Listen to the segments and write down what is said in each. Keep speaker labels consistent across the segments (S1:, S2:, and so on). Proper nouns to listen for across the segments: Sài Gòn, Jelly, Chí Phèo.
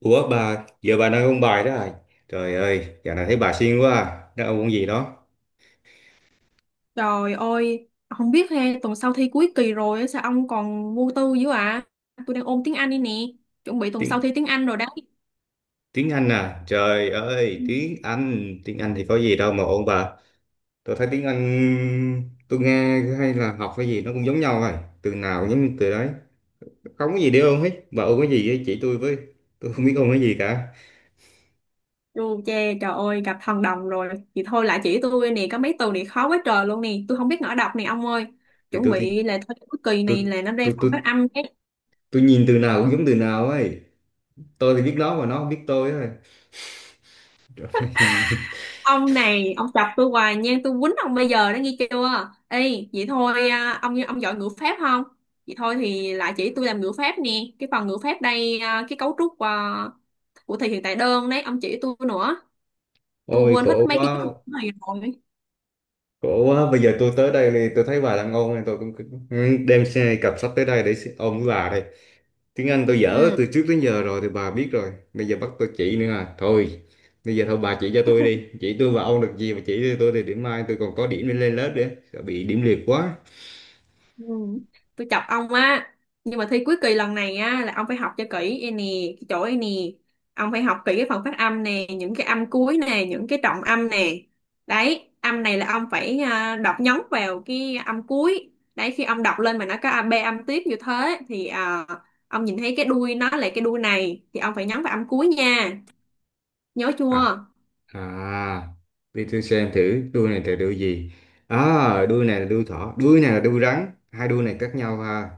S1: Ủa bà, giờ bà đang ôn bài đó à? Trời ơi, dạo này thấy bà siêng quá à. Đang ôn môn gì đó?
S2: Trời ơi, không biết ha, tuần sau thi cuối kỳ rồi á, sao ông còn vô tư dữ ạ? À? Tôi đang ôn tiếng Anh đây nè, chuẩn bị tuần sau
S1: Tiếng
S2: thi tiếng Anh rồi đấy.
S1: tiếng Anh à? Trời
S2: Ừ.
S1: ơi, tiếng Anh thì có gì đâu mà ôn bà. Tôi thấy tiếng Anh tôi nghe hay là học cái gì nó cũng giống nhau rồi. Từ nào cũng giống từ đấy. Không có gì để ôn hết. Bà ôn cái gì ấy, chỉ tôi với. Tôi không biết ôn cái gì cả.
S2: Dù chê, trời ơi, gặp thần đồng rồi. Thì thôi lại chỉ tôi nè, có mấy từ này khó quá trời luôn nè, tôi không biết ngỏ đọc nè ông ơi.
S1: Thì
S2: Chuẩn
S1: tôi thì
S2: bị là thôi cuối kỳ
S1: tôi
S2: này là nó ra
S1: tôi
S2: phòng
S1: tôi
S2: phát âm.
S1: tôi nhìn từ nào cũng giống từ nào ấy. Tôi thì biết nó mà nó không biết tôi ấy.
S2: Ông này ông chọc tôi hoài nha, tôi quýnh ông bây giờ đó nghe chưa. Ê, vậy thôi à, ông giỏi ngữ pháp không, vậy thôi thì lại chỉ tôi làm ngữ pháp nè, cái phần ngữ pháp đây à, cái cấu trúc à, của thì hiện tại đơn đấy, ông chỉ tôi nữa. Tôi
S1: Ôi
S2: quên hết
S1: khổ
S2: mấy cái cấu
S1: quá.
S2: trúc này rồi.
S1: Khổ quá, bây giờ tôi tới đây thì tôi thấy bà đang ngon nên tôi cũng cũng đem xe cặp sách tới đây để ôn với bà đây. Tiếng Anh tôi dở từ
S2: Ừ.
S1: trước đến giờ rồi thì bà biết rồi. Bây giờ bắt tôi chỉ nữa à. Thôi, bây giờ thôi bà chỉ cho tôi đi. Chỉ tôi và ôn được gì mà chỉ cho tôi thì điểm mai tôi còn có điểm để lên lớp nữa. Sợ bị điểm liệt quá.
S2: Ừ. Tôi chọc ông á, nhưng mà thi cuối kỳ lần này á là ông phải học cho kỹ e nè, cái chỗ e nè, ông phải học kỹ cái phần phát âm nè, những cái âm cuối nè, những cái trọng âm nè. Đấy, âm này là ông phải đọc nhấn vào cái âm cuối đấy, khi ông đọc lên mà nó có a b âm tiếp như thế thì ông nhìn thấy cái đuôi nó là cái đuôi này thì ông phải nhấn vào âm cuối nha. Nhớ chưa?
S1: À, à, đi tôi xem thử đuôi này là đuôi gì. À, đuôi này là đuôi thỏ, đuôi này là đuôi rắn. Hai đuôi này khác nhau ha.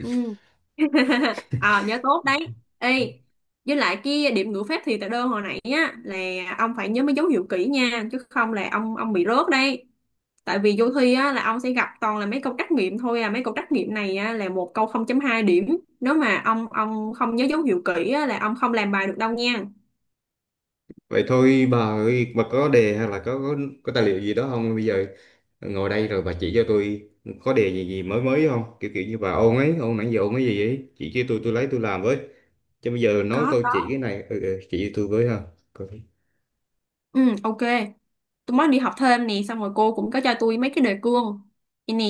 S2: Ừ. ờ nhớ tốt đấy. Ê, với lại cái điểm ngữ pháp thì tại đơn hồi nãy á là ông phải nhớ mấy dấu hiệu kỹ nha, chứ không là ông bị rớt đấy. Tại vì vô thi á là ông sẽ gặp toàn là mấy câu trắc nghiệm thôi à, mấy câu trắc nghiệm này á, là một câu 0.2 điểm. Nếu mà ông không nhớ dấu hiệu kỹ á, là ông không làm bài được đâu nha.
S1: Vậy thôi bà ơi, bà có đề hay là có tài liệu gì đó không? Bây giờ ngồi đây rồi bà chỉ cho tôi có đề gì gì mới mới không? Kiểu kiểu như bà ôn ấy, ôn nãy giờ ôn cái gì ấy, chỉ cho tôi lấy tôi làm với. Chứ bây giờ nói
S2: Có,
S1: tôi
S2: có.
S1: chỉ cái này, ừ, ừ, chỉ cho tôi với ha. Coi.
S2: Ừ, ok. Tôi mới đi học thêm nè, xong rồi cô cũng có cho tôi mấy cái đề cương đây nè,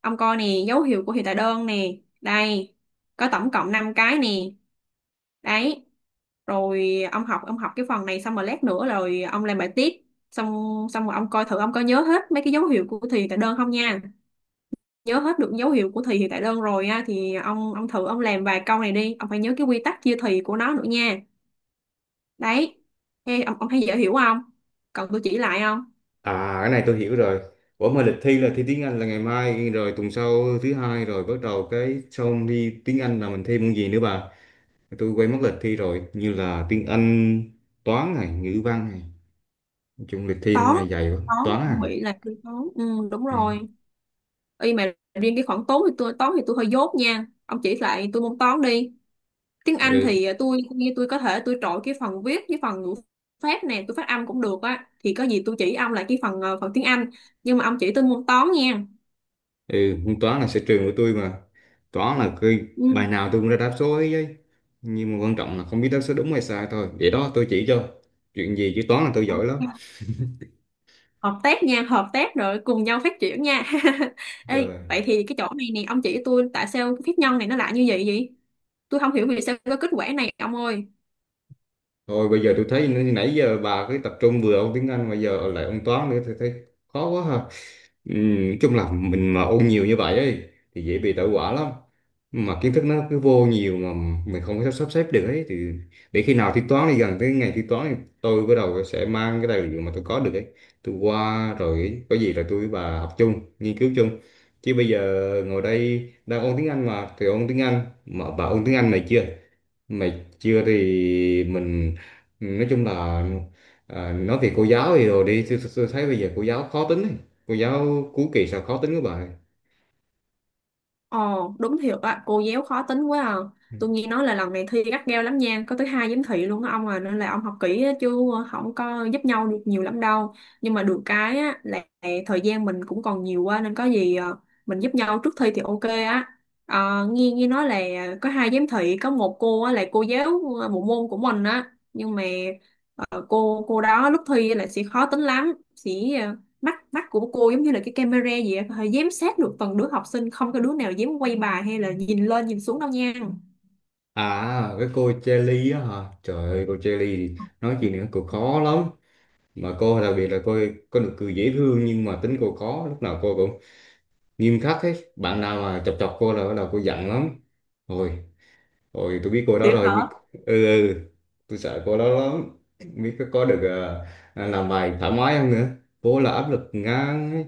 S2: ông coi nè, dấu hiệu của hiệu tại đơn nè, đây có tổng cộng 5 cái nè. Đấy, rồi ông học, ông học cái phần này xong rồi lát nữa rồi ông làm bài tiếp. Xong xong rồi ông coi thử ông có nhớ hết mấy cái dấu hiệu của thì tại đơn không nha. Nhớ hết được dấu hiệu của thì hiệu tạ đơn rồi á thì ông thử ông làm vài câu này đi, ông phải nhớ cái quy tắc chia thì của nó nữa nha. Đấy. Ê, ông thấy dễ hiểu không? Cần tôi chỉ lại không?
S1: À, cái này tôi hiểu rồi. Ủa mà lịch thi là thi tiếng Anh là ngày mai rồi, tuần sau thứ hai rồi bắt đầu cái xong thi tiếng Anh là mình thi môn gì nữa bà? Tôi quay mất lịch thi rồi, như là tiếng Anh, toán này, ngữ văn này. Nói chung lịch thi năm
S2: toán
S1: nay dày quá,
S2: toán
S1: toán à.
S2: tôi nghĩ là tôi toán, ừ, đúng
S1: Ừ.
S2: rồi. Y mà riêng cái khoản toán thì tôi hơi dốt nha, ông chỉ lại tôi môn toán đi. Tiếng Anh
S1: Ừ.
S2: thì tôi như tôi có thể tôi trội cái phần viết với phần ngữ pháp nè, tôi phát âm cũng được á thì có gì tôi chỉ ông lại cái phần phần tiếng Anh, nhưng mà ông chỉ tôi môn toán nha.
S1: Ừ, toán là sở trường của tôi mà. Toán là cái
S2: Ừ.
S1: bài nào tôi cũng ra đáp số ấy ấy. Nhưng mà quan trọng là không biết đáp số đúng hay sai thôi vậy đó. Tôi chỉ cho chuyện gì chứ toán là tôi giỏi lắm.
S2: Ok. Hợp tác nha, hợp tác rồi cùng nhau phát triển nha. Ê,
S1: Rồi
S2: vậy thì cái chỗ này nè ông chỉ tôi tại sao cái phép nhân này nó lại như vậy vậy, tôi không hiểu vì sao có kết quả này ông ơi.
S1: thôi, bây giờ tôi thấy nãy giờ bà cứ tập trung vừa ông tiếng Anh bây giờ lại ông toán nữa, tôi thấy khó quá ha. Ừ, chung là mình mà ôn nhiều như vậy ấy thì dễ bị tẩu hỏa lắm, mà kiến thức nó cứ vô nhiều mà mình không có sắp sắp xếp được ấy, thì để khi nào thi toán thì gần tới ngày thi toán thì tôi bắt đầu sẽ mang cái tài liệu mà tôi có được ấy, tôi qua rồi có gì rồi tôi với bà học chung, nghiên cứu chung. Chứ bây giờ ngồi đây đang ôn tiếng Anh mà thì ôn tiếng Anh, mà bà ôn tiếng Anh này chưa, mày chưa thì mình nói chung là à, nói về cô giáo thì rồi đi tôi thấy bây giờ cô giáo khó tính ấy, cô giáo cuối kỳ sao khó tính quá bà.
S2: Ồ, đúng thiệt á, cô giáo khó tính quá à.
S1: Ừ.
S2: Tôi nghe nói là lần này thi gắt gao lắm nha, có tới hai giám thị luôn đó ông à, nên là ông học kỹ á, chứ không có giúp nhau được nhiều lắm đâu. Nhưng mà được cái á, là thời gian mình cũng còn nhiều quá nên có gì mình giúp nhau trước thi thì ok á. Ờ, nghe nghe nói là có hai giám thị, có một cô á, là cô giáo bộ môn của mình á, nhưng mà cô đó lúc thi là sẽ khó tính lắm, sẽ ờ, mắt mắt của cô giống như là cái camera gì á, có giám sát được từng đứa học sinh, không có đứa nào dám quay bài hay là nhìn lên nhìn xuống đâu nha.
S1: À, cái cô Jelly á hả, trời ơi, cô Jelly thì nói chuyện này cô khó lắm, mà cô đặc biệt là cô có được cười dễ thương nhưng mà tính cô khó, lúc nào cô cũng nghiêm khắc hết. Bạn nào mà chọc chọc cô là bắt đầu cô giận lắm. Rồi rồi tôi biết cô đó
S2: Thiệt
S1: rồi
S2: hả?
S1: nhưng ừ, ừ, tôi sợ cô đó lắm. Không biết có được làm bài thoải mái không nữa, cô là áp lực ngang ấy.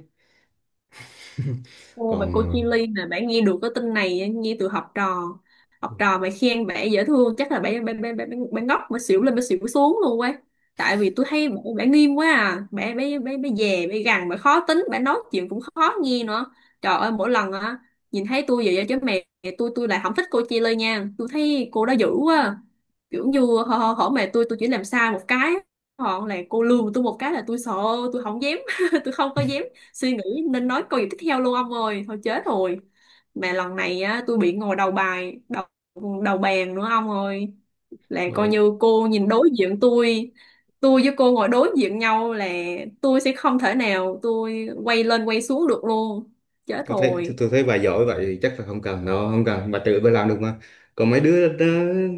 S2: Cô và cô
S1: Còn
S2: Chi Ly nè, bạn nghe được cái tin này á, nghe từ học trò. Học trò mà khen bạn dễ thương chắc là bạn bạn bạn bạn, bạn ngốc mà xỉu lên mà xỉu xuống luôn quá. Tại vì tôi thấy bạn nghiêm quá à, bạn bạn bạn bạn dè, bạn gằn, bạn khó tính, bạn nói chuyện cũng khó nghe nữa. Trời ơi, mỗi lần á nhìn thấy tôi vậy á, chứ mẹ. Tôi lại không thích cô Chi Ly nha, tôi thấy cô đó dữ quá. Kiểu như hở, hở mẹ, tôi chỉ làm sai một cái, họ là cô lường tôi một cái là tôi sợ, tôi không dám tôi không có dám suy nghĩ nên nói câu gì tiếp theo luôn ông ơi, thôi chết rồi. Mà lần này á tôi bị ngồi đầu bài đầu đầu bàn nữa ông ơi, là coi như cô nhìn đối diện tôi với cô ngồi đối diện nhau là tôi sẽ không thể nào tôi quay lên quay xuống được luôn. Chết
S1: tôi thấy tôi,
S2: rồi.
S1: tôi thấy bà giỏi vậy thì chắc là không cần đâu, không cần, bà tự bà làm được mà. Còn mấy đứa đó,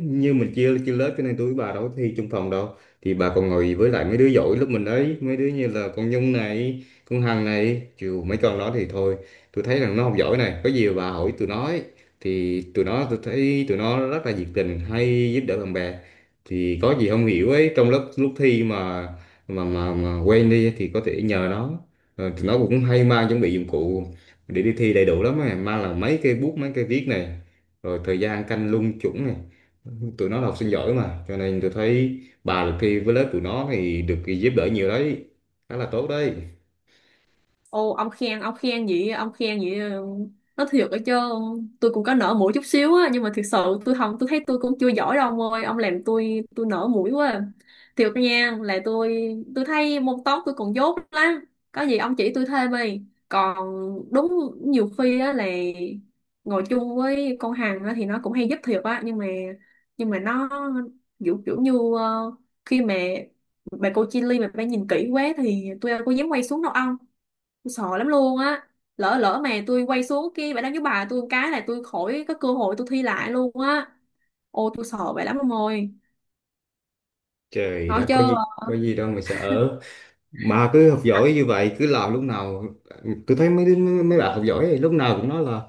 S1: như mình chia chia lớp cho nên tôi với bà đâu có thi chung phòng đâu, thì bà còn ngồi với lại mấy đứa giỏi lúc mình đấy, mấy đứa như là con Nhung này, con Hằng này, chiều mấy con đó thì thôi. Tôi thấy rằng nó không giỏi này, có gì mà bà hỏi tụi nó ấy. Thì tụi nó, tôi thấy tụi nó rất là nhiệt tình hay giúp đỡ bạn bè, thì có gì không hiểu ấy trong lớp lúc thi mà, quên đi thì có thể nhờ nó. Ờ, tụi nó cũng hay mang chuẩn bị dụng cụ để đi thi đầy đủ lắm á, mang là mấy cái bút mấy cái viết này, rồi thời gian canh lung chủng này, tụi nó là học sinh giỏi mà, cho nên tôi thấy bà được thi với lớp tụi nó thì được giúp đỡ nhiều đấy, khá là tốt đấy.
S2: Ô, ông khen vậy ông khen vậy, ừ, nó thiệt ở chứ, tôi cũng có nở mũi chút xíu á, nhưng mà thiệt sự tôi thấy tôi cũng chưa giỏi đâu ông ơi, ông làm tôi nở mũi quá. Thiệt nha là tôi thấy môn toán tôi còn dốt lắm, có gì ông chỉ tôi thêm đi. Còn đúng, nhiều khi á là ngồi chung với con Hằng á thì nó cũng hay giúp thiệt á, nhưng mà nó kiểu kiểu như ờ, khi mà bà cô Chi Ly mà bà nhìn kỹ quá thì tôi đâu có dám quay xuống đâu ông. Tôi sợ lắm luôn á, lỡ lỡ mà tôi quay xuống kia bài đăng với bà tôi một cái là tôi khỏi có cơ hội tôi thi lại luôn á, ôi tôi sợ vậy lắm ông ơi.
S1: Trời,
S2: Nói
S1: đó
S2: chứ.
S1: có gì, có gì đâu mà sợ. Bà cứ học giỏi như vậy cứ làm, lúc nào tôi thấy mấy bạn học giỏi thì lúc nào cũng nói là: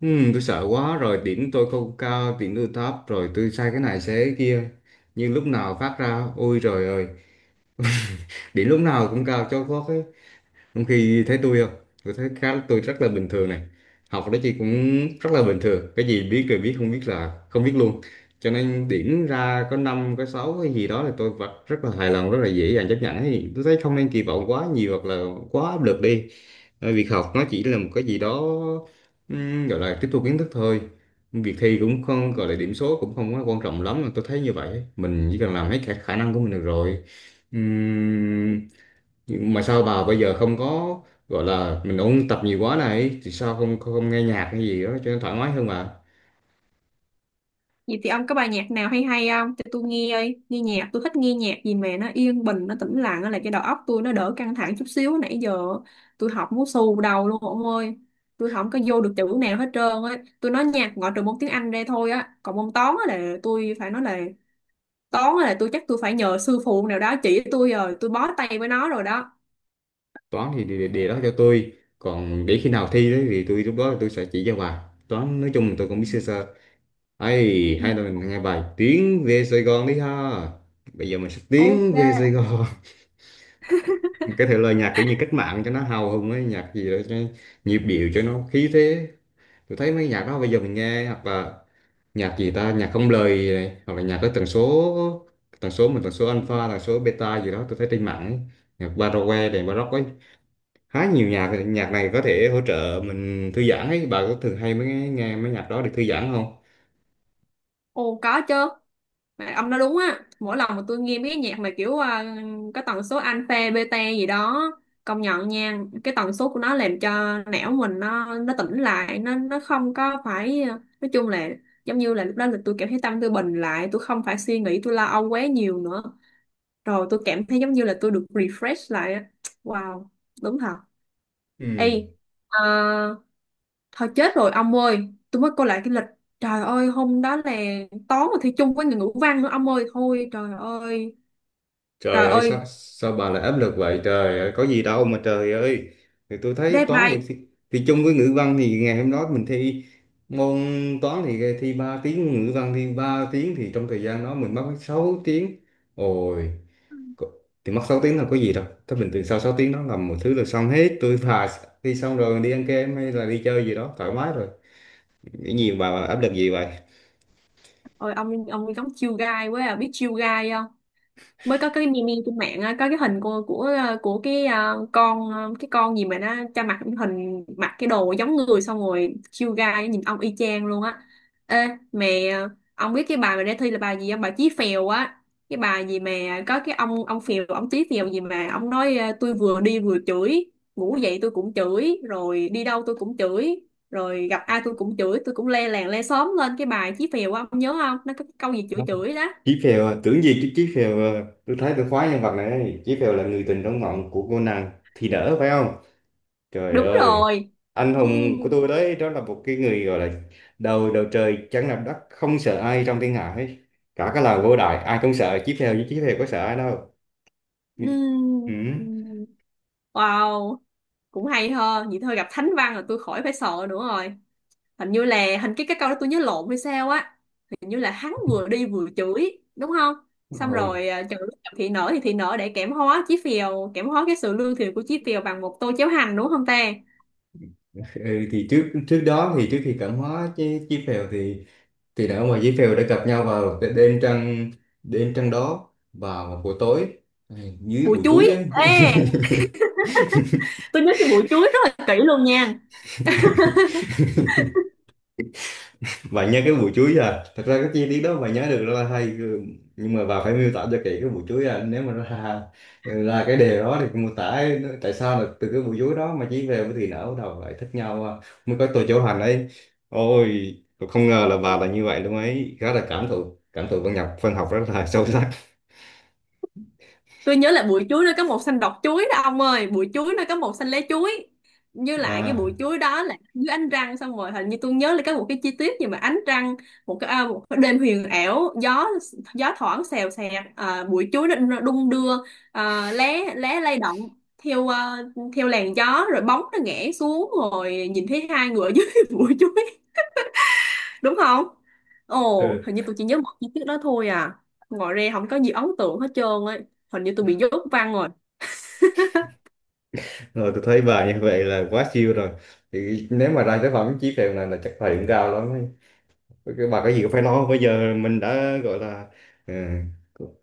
S1: Tôi sợ quá rồi, điểm tôi không cao, điểm tôi thấp rồi, tôi sai cái này sai cái kia", nhưng lúc nào phát ra ôi trời ơi, điểm lúc nào cũng cao cho có. Trong khi thấy tôi không, tôi thấy khá, tôi rất là bình thường này. Học đó chị cũng rất là bình thường, cái gì biết rồi biết, không biết là không biết luôn. Cho nên điểm ra có năm có sáu cái gì đó là tôi vẫn rất là hài lòng, rất là dễ dàng chấp nhận ấy. Tôi thấy không nên kỳ vọng quá nhiều hoặc là quá áp lực đi. Ờ, việc học nó chỉ là một cái gì đó, gọi là tiếp thu kiến thức thôi. Việc thi cũng không gọi là điểm số cũng không quá quan trọng lắm, tôi thấy như vậy. Mình chỉ cần làm hết khả năng của mình được rồi. Ừm, nhưng mà sao bà bây giờ không có gọi là mình ôn tập nhiều quá này, thì sao không không, không nghe nhạc hay gì đó cho nó thoải mái hơn mà.
S2: Vậy thì ông có bài nhạc nào hay hay không cho tôi nghe ơi? Nghe nhạc tôi thích nghe nhạc gì mà nó yên bình, nó tĩnh lặng, nó là cho đầu óc tôi nó đỡ căng thẳng chút xíu, nãy giờ tôi học muốn xù đầu luôn ông ơi. Tôi không có vô được chữ nào hết trơn á, tôi nói nhạc ngoại trừ môn tiếng Anh ra thôi á, còn môn toán á là tôi phải nói là toán là tôi chắc tôi phải nhờ sư phụ nào đó chỉ tôi, rồi tôi bó tay với nó rồi đó.
S1: Toán thì để đó cho tôi. Còn để khi nào thi đấy thì tôi lúc đó tôi sẽ chỉ cho bà. Toán nói chung là tôi cũng
S2: Ừ.
S1: biết sơ sơ. Ấy,
S2: Ừ.
S1: hay là mình nghe bài Tiến về Sài Gòn đi ha, bây giờ mình sẽ
S2: Ok.
S1: tiến về Sài Gòn. Cái thể lời nhạc kiểu như cách mạng cho nó hào hùng ấy, nhạc gì đó cho nhịp điệu, cho nó khí thế. Tôi thấy mấy nhạc đó bây giờ mình nghe, hoặc là nhạc gì ta, nhạc không lời này, hoặc là nhạc có tần số mình, tần số alpha, tần số beta gì đó tôi thấy trên mạng ấy. Nhạc baroque này, baroque ấy, khá nhiều nhạc nhạc này có thể hỗ trợ mình thư giãn ấy, bà có thường hay mới nghe mấy nhạc đó để thư giãn không?
S2: Ồ có chứ, mà ông nói đúng á, mỗi lần mà tôi nghe mấy cái nhạc mà kiểu có tần số alpha beta gì đó, công nhận nha, cái tần số của nó làm cho não mình nó tỉnh lại, nó không có phải nói chung là giống như là lúc đó là tôi cảm thấy tâm tôi bình lại, tôi không phải suy nghĩ, tôi lo âu quá nhiều nữa, rồi tôi cảm thấy giống như là tôi được refresh lại á. Wow, đúng thật. Ê,
S1: Ừ.
S2: à, thôi chết rồi ông ơi, tôi mới coi lại cái lịch. Trời ơi, hôm đó là toán mà thi chung với người ngữ văn nữa ông ơi. Thôi
S1: Trời
S2: trời
S1: ơi, sao
S2: ơi,
S1: sao bà lại áp lực vậy, trời ơi, có gì đâu mà, trời ơi. Thì tôi thấy toán thì,
S2: deadline.
S1: thì thì chung với ngữ văn thì ngày hôm đó mình thi môn toán thì thi 3 tiếng, ngữ văn thi 3 tiếng, thì trong thời gian đó mình mất 6 tiếng. Ôi, có- thì mất 6 tiếng là có gì đâu. Thế bình thường sau 6 tiếng đó làm một thứ là xong hết, tôi thà thi xong rồi đi ăn kem hay là đi chơi gì đó thoải mái rồi, nghĩ gì mà áp lực gì vậy.
S2: Ôi, ông giống chiêu gai quá à, biết chiêu gai mới có cái meme trên mạng á, có cái hình của của cái con cái con gì mà nó cho mặt hình mặc cái đồ giống người, xong rồi chiêu gai nhìn ông y chang luôn á. Ê mẹ, ông biết cái bài mà để thi là bài gì không? Bài Chí Phèo á, cái bài gì mà có cái ông Chí Phèo gì mà ông nói tôi vừa đi vừa chửi, ngủ dậy tôi cũng chửi, rồi đi đâu tôi cũng chửi, rồi gặp ai tôi cũng chửi, tôi cũng le làng le xóm lên. Cái bài Chí Phèo á, ông nhớ không, nó có cái câu gì chửi chửi đó.
S1: Chí Phèo à, tưởng gì chứ Chí Phèo à. Tôi thấy tôi khoái nhân vật này ấy. Chí Phèo là người tình trong mộng của cô nàng thì đỡ phải không, trời
S2: Đúng
S1: ơi,
S2: rồi.
S1: anh
S2: Ừ,
S1: hùng của tôi đấy. Đó là một cái người gọi là đầu đầu trời chẳng làm đất không sợ ai trong thiên hạ ấy. Cả cái làng Vô Đại ai cũng sợ Chí Phèo nhưng Chí Phèo có sợ ai đâu.
S2: ừ,
S1: Ừ.
S2: ừ. Wow, cũng hay ho vậy thôi, gặp thánh văn là tôi khỏi phải sợ nữa rồi. Hình như là cái câu đó tôi nhớ lộn hay sao á, hình như là hắn vừa đi vừa chửi đúng không, xong
S1: Rồi,
S2: rồi chửi gặp thị nở thì thị nở để kẽm hóa chí phèo, kẽm hóa cái sự lương thiện của chí phèo bằng một tô cháo hành đúng không ta.
S1: ừ, thì trước trước đó thì trước khi cảm hóa chứ Chí Phèo thì đàn ông và dế phèo đã gặp nhau vào đêm trăng, đêm trăng đó vào một buổi tối. Ai, dưới
S2: Bùi
S1: bụi
S2: chuối,
S1: chuối ấy.
S2: ê tôi nhớ cái bùi chuối rất là kỹ luôn nha.
S1: Bạn nhớ cái bụi chuối à, thật ra cái chi tiết đó bạn nhớ được rất là hay, ừ, nhưng mà bà phải miêu tả cho kỹ cái bụi chuối à. Nếu mà ra ra cái đề đó thì mô tả ấy, tại sao là từ cái bụi chuối đó mà chỉ về với thì nở bắt đầu lại thích nhau à, mới có tôi chỗ hành ấy. Ôi tôi không ngờ là bà là như vậy luôn ấy, khá là cảm thụ văn nhập văn học rất là sâu sắc.
S2: Tôi nhớ là bụi chuối nó có màu xanh đọt chuối đó ông ơi, bụi chuối nó có màu xanh lá chuối, như lại cái
S1: À,
S2: bụi chuối đó là dưới ánh trăng, xong rồi hình như tôi nhớ là có một cái chi tiết gì mà ánh trăng, một cái đêm huyền ảo, gió gió thoảng xèo xèo bụi chuối nó đung đưa lá lá lay động theo theo làn gió rồi bóng nó ngã xuống rồi nhìn thấy hai người ở dưới bụi chuối đúng không. Ồ
S1: ừ.
S2: hình như tôi chỉ nhớ một chi tiết đó thôi à, ngoài ra không có gì ấn tượng hết trơn ấy, hình như tôi bị dốt văn rồi.
S1: Rồi tôi thấy bà như vậy là quá siêu rồi. Thì nếu mà ra tới phẩm Chí Phèo này là chắc phải cũng cao lắm ấy. Cái bà có gì cũng phải nói không? Bây giờ mình đã gọi là ừ,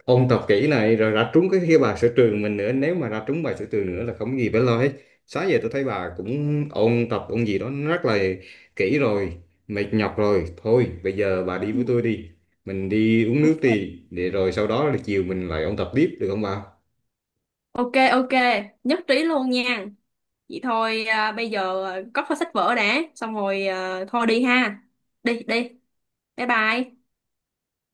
S1: ôn tập kỹ này rồi ra trúng cái bài sở trường mình nữa, nếu mà ra trúng bài sở trường nữa là không có gì phải lo hết. Sáng giờ tôi thấy bà cũng ôn tập ôn gì đó nó rất là kỹ rồi, mệt nhọc rồi, thôi bây giờ bà đi với tôi đi, mình đi uống nước đi, để rồi sau đó là chiều mình lại ôn tập tiếp được không bà?
S2: Ok ok, nhất trí luôn nha. Vậy thôi à, bây giờ à, cất vào sách vở đã, xong rồi à, thôi đi ha. Đi đi. Bye bye.